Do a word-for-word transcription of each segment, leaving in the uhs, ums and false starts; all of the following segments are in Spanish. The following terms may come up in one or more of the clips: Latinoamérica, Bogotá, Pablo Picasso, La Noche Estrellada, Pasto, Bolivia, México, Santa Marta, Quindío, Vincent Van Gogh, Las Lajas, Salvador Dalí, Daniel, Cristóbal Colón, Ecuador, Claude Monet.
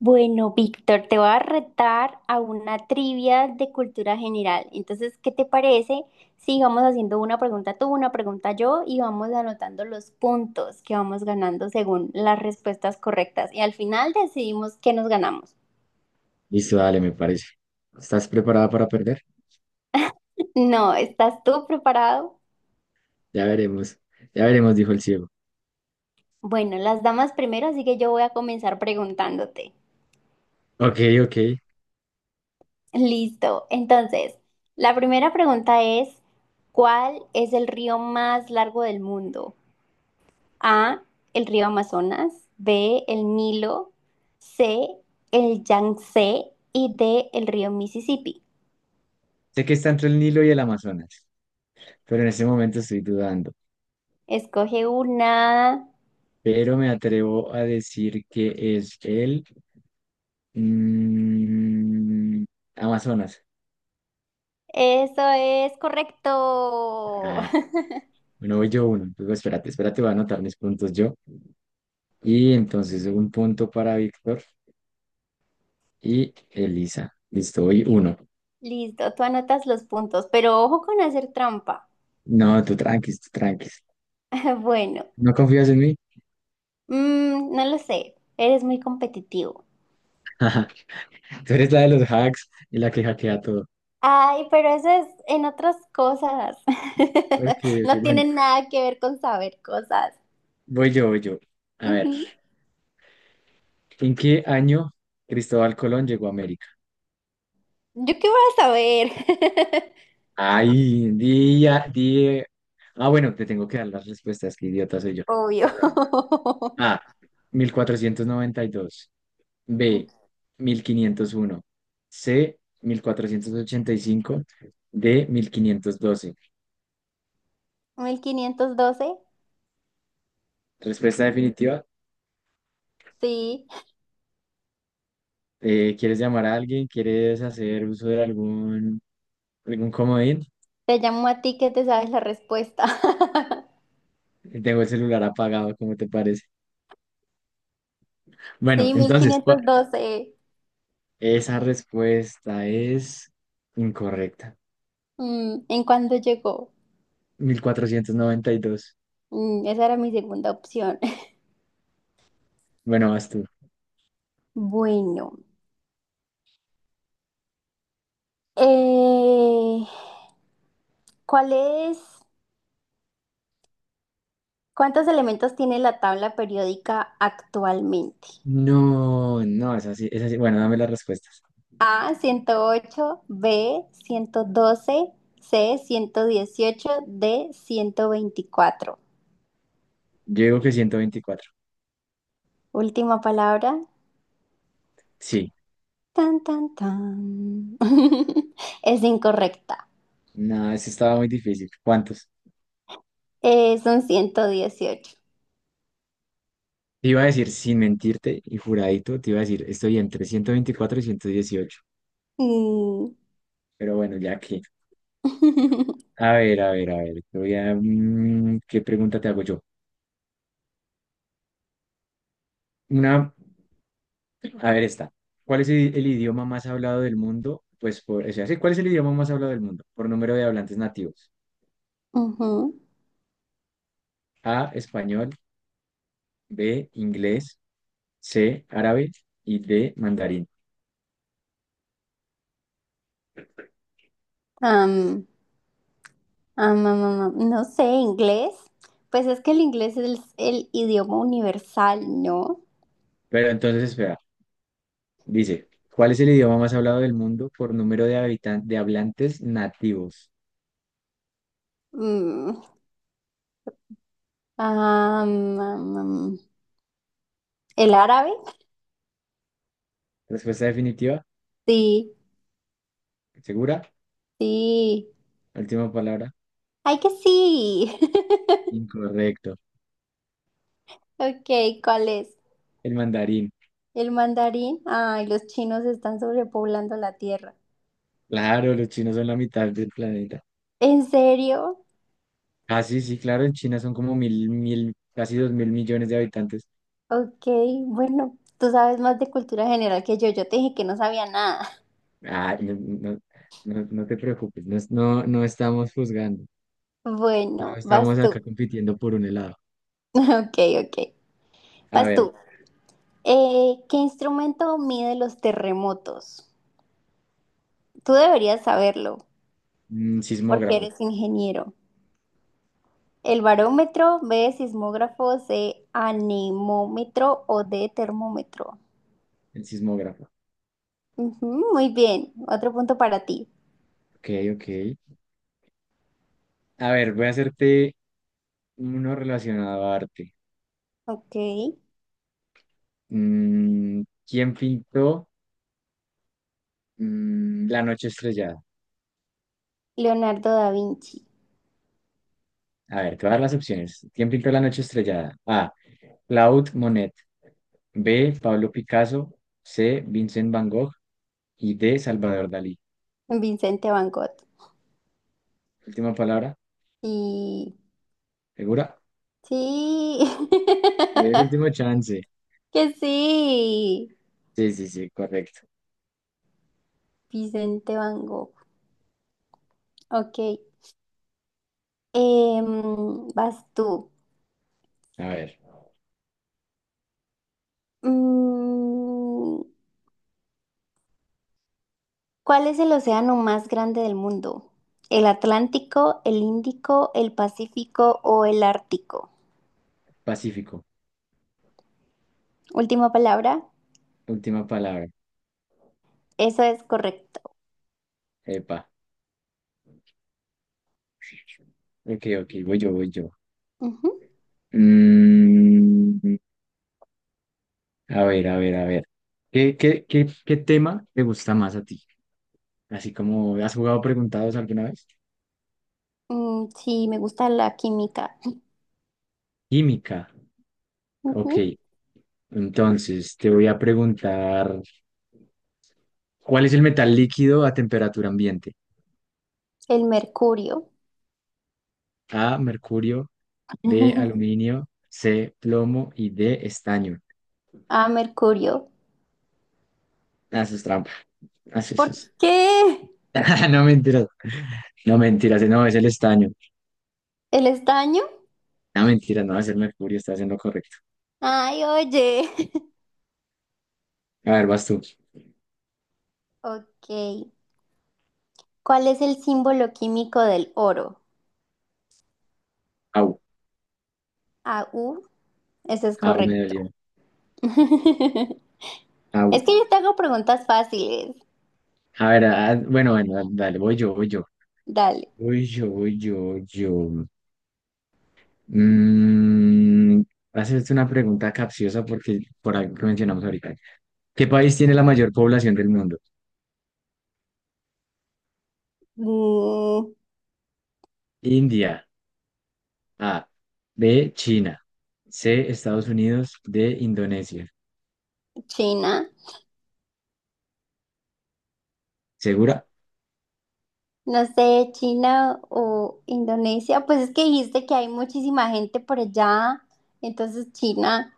Bueno, Víctor, te voy a retar a una trivia de cultura general. Entonces, ¿qué te parece si vamos haciendo una pregunta tú, una pregunta yo y vamos anotando los puntos que vamos ganando según las respuestas correctas? Y al final decidimos qué nos ganamos. Listo, dale, me parece. ¿Estás preparada para perder? No, ¿estás tú preparado? Ya veremos. Ya veremos, dijo el ciego. Bueno, las damas primero, así que yo voy a comenzar preguntándote. Ok, ok. Listo. Entonces, la primera pregunta es, ¿cuál es el río más largo del mundo? A, el río Amazonas, B, el Nilo, C, el Yangtze y D, el río Mississippi. Sé que está entre el Nilo y el Amazonas, pero en este momento estoy dudando. Escoge una. Pero me atrevo a decir que es el mm, Amazonas. Eso es correcto. Ah, bueno, voy yo uno. Luego, espérate, espérate, voy a anotar mis puntos yo. Y entonces un punto para Víctor y Elisa. Listo, voy uno. Listo, tú anotas los puntos, pero ojo con hacer trampa. No, tú tranquis, tú tranquis. Bueno, ¿No confías en mí? mm, no lo sé, eres muy competitivo. Tú eres la de los hacks y la que hackea todo. Ay, pero eso es en otras cosas. Ok, No ok, bueno, tiene nada que ver con saber cosas. voy yo, voy yo. A ver, Ujú. ¿en qué año Cristóbal Colón llegó a América? ¿Yo qué voy a saber? Ay, día, día. Ah, bueno, te tengo que dar las respuestas, qué idiota soy yo. Obvio. Perdóname. A, mil cuatrocientos noventa y dos. B, mil quinientos uno. C, mil cuatrocientos ochenta y cinco. D, mil quinientos doce. Mil quinientos doce. Respuesta definitiva. Sí, Eh, ¿quieres llamar a alguien? ¿Quieres hacer uso de algún, algún comodín? te llamo a ti que te sabes la respuesta. Tengo el celular apagado, ¿cómo te parece? Bueno, Sí, entonces, ¿cuál- mil quinientos doce. esa respuesta es incorrecta. Mm, ¿en cuándo llegó? Mil cuatrocientos noventa y dos. Mm, esa era mi segunda opción. Bueno, vas tú. Bueno, eh, ¿cuál es, cuántos elementos tiene la tabla periódica actualmente? No, no, es así, es así. Bueno, dame las respuestas. A, ciento ocho. B, ciento doce. C, ciento dieciocho. D, ciento veinticuatro. Yo digo que ciento veinticuatro. Última palabra. Sí. Tan, tan, tan. Es incorrecta. No, eso estaba muy difícil. ¿Cuántos? Eh, son ciento dieciocho. Te iba a decir, sin mentirte y juradito, te iba a decir, estoy entre ciento veinticuatro y ciento dieciocho. Mm. Pero bueno, ya que. A ver, a ver, a ver. te voy a, mm, ¿qué pregunta te hago yo? Una. A ver, esta. ¿Cuál es el, el idioma más hablado del mundo? Pues por, o sea, sí, ¿cuál es el idioma más hablado del mundo? Por número de hablantes nativos. Ujú. A, español, B, inglés, C, árabe y D, mandarín. Am, am, am, am, am. No sé, inglés. Pues es que el inglés es el idioma universal, ¿no? Pero entonces, espera, dice, ¿cuál es el idioma más hablado del mundo por número de habitan- de hablantes nativos? Mm. Am, am, am. ¿El árabe? Respuesta definitiva, Sí, segura, sí. última palabra, ¡Ay, que sí! incorrecto. Ok, ¿cuál es? El mandarín. ¿El mandarín? Ay, los chinos están sobrepoblando la tierra. Claro, los chinos son la mitad del planeta. ¿En serio? Ah, sí, sí, claro, en China son como mil, mil, casi dos mil millones de habitantes. Ok, bueno, tú sabes más de cultura general que yo. Yo te dije que no sabía nada. Ah, no, no, no, no no te preocupes, no, es- no, no estamos juzgando, no Bueno, vas estamos tú. acá compitiendo por un helado. Ok, ok. A Vas tú. ver, Eh, ¿qué instrumento mide los terremotos? Tú deberías saberlo, mm, porque sismógrafo, eres ingeniero. ¿El barómetro, B, sismógrafo, C, anemómetro o D, termómetro? el sismógrafo. Ujú, muy bien, otro punto para ti. Ok, ok. A ver, voy a hacerte uno relacionado a arte. Ok. Mm, ¿quién pintó mm, La Noche Estrellada? Leonardo da Vinci, A ver, te voy a dar las opciones. ¿Quién pintó La Noche Estrellada? A. Claude Monet. B. Pablo Picasso. C. Vincent Van Gogh. Y D. Salvador Dalí. Vincente Van Gogh. Última palabra, Y ¿segura? sí, El último chance. que sí, Sí, sí, sí, correcto. Vicente Van Gogh. Ok, em, vas tú. A ver, Mm, ¿cuál es el océano más grande del mundo? ¿El Atlántico, el Índico, el Pacífico o el Ártico? Pacífico, Última palabra, última palabra. eso es correcto. Epa. Ok, ok, voy yo, voy yo. Ujú. Mm, a ver, a ver, a ver. ¿Qué, qué, qué, qué tema te gusta más a ti? Así como, ¿has jugado preguntados alguna vez? Mm, sí, me gusta la química. Química. Ok, Ujú. entonces te voy a preguntar, ¿cuál es el metal líquido a temperatura ambiente? El mercurio. A, mercurio, B, aluminio, C, plomo y D, estaño. Ah, mercurio. Haces trampa. Ah, sí, ¿Por sí, sí. qué? No mentiras, no mentiras, no es el estaño. ¿El estaño? No mentiras, no es el mercurio, está haciendo correcto. Ay, oye. A ver, vas tú. Ok. ¿Cuál es el símbolo químico del oro? Au, A U. Ese es au, me correcto. dolió. Es Au. que yo te hago preguntas fáciles. A ver, ah, bueno, bueno, dale, dale, voy yo, voy yo. Dale. Voy yo, voy yo, voy yo. Mm, Hacerte una pregunta capciosa porque por algo que mencionamos ahorita. ¿Qué país tiene la mayor población del mundo? Mm, India. A. B. China. C. Estados Unidos. D. Indonesia. China. ¿Segura? No sé, China o Indonesia. Pues es que dijiste que hay muchísima gente por allá. Entonces, China.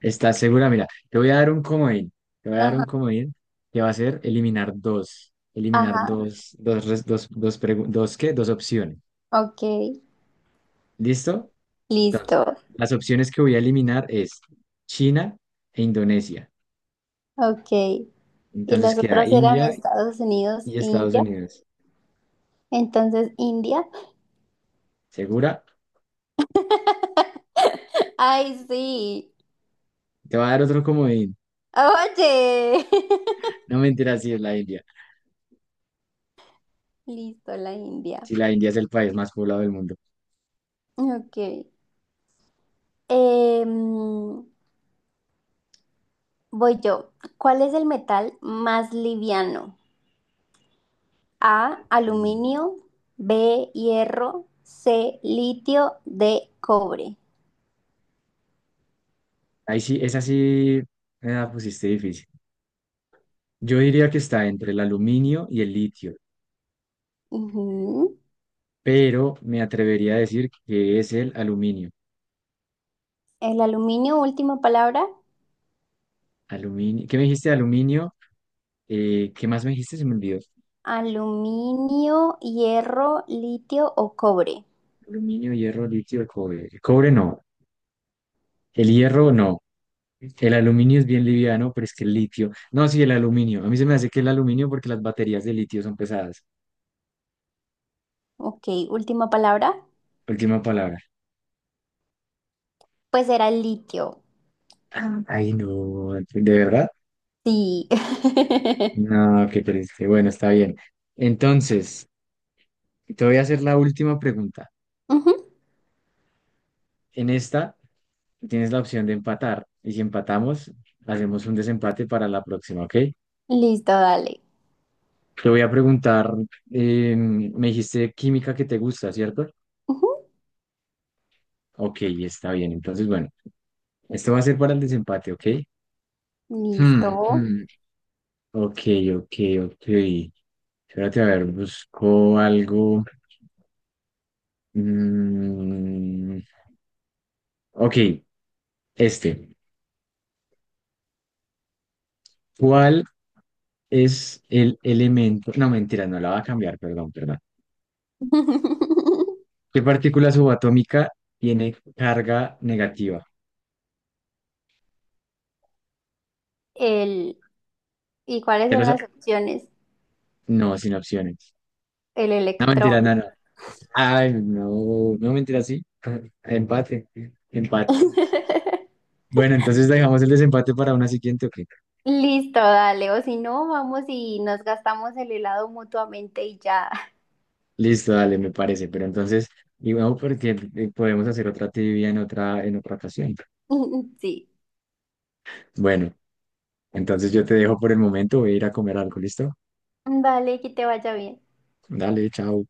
¿Estás segura? Mira, te voy a dar un comodín. Te voy a dar un Ajá. comodín que va a ser eliminar dos. Eliminar Ajá. dos, dos, res- dos, dos, pregu- dos, ¿qué? Dos opciones. Ok. ¿Listo? Entonces, Listo. las opciones que voy a eliminar es China e Indonesia. Ok. Y Entonces las queda otras eran India Estados Unidos y e Estados India. Unidos. Entonces, India. ¿Segura? Ay, sí. Te voy a dar otro comodín. Oye. No mentiras, si es la India. Listo, la India. Si la India es el país más poblado del mundo. Ok. Em, voy yo. ¿Cuál es el metal más liviano? A, Mm. aluminio, B, hierro, C, litio, D, cobre. Ahí sí, esa sí me la pusiste difícil. Yo diría que está entre el aluminio y el litio, Ujú. pero me atrevería a decir que es el aluminio. El aluminio, última palabra. Aluminio. ¿Qué me dijiste? Aluminio. Eh, ¿qué más me dijiste? Se me olvidó. Aluminio, hierro, litio o cobre. Aluminio, hierro, litio, cobre. El cobre no. El hierro no. El aluminio es bien liviano, pero es que el litio. No, sí, el aluminio. A mí se me hace que el aluminio porque las baterías de litio son pesadas. Ok, última palabra. Última palabra. Pues era el litio. Ah. Ay, no. ¿De verdad? Sí. No, qué triste. Bueno, está bien. Entonces, te voy a hacer la última pregunta. Ujú. En esta tienes la opción de empatar y si empatamos, hacemos un desempate para la próxima, ¿ok? Listo, dale. Te voy a preguntar, eh, me dijiste química que te gusta, ¿cierto? Ujú. Ok, está bien. Entonces, bueno, esto va a ser para el desempate, ¿ok? Hmm, Listo. hmm, Ok, ok, ok. Espérate, a ver, busco algo. Mm, ok, este. ¿Cuál es el elemento? No, mentira, no la va a cambiar, perdón, perdón. ¿Qué partícula subatómica tiene carga negativa? El, ¿y cuáles ¿Ya lo son sa- las opciones? No, sin opciones. El No, electrón. mentira, no, no. Ay, no, no, mentira, sí. Empate, empate. Bueno, entonces dejamos el desempate para una siguiente, ok. Listo, dale. O si no, vamos y nos gastamos el helado mutuamente y ya. Listo, dale, me parece. Pero entonces, y bueno, porque eh, podemos hacer otra trivia en otra, en otra ocasión. Sí. Bueno, entonces yo te dejo por el momento, voy a ir a comer algo, ¿listo? Vale, que te vaya bien. Dale, chao.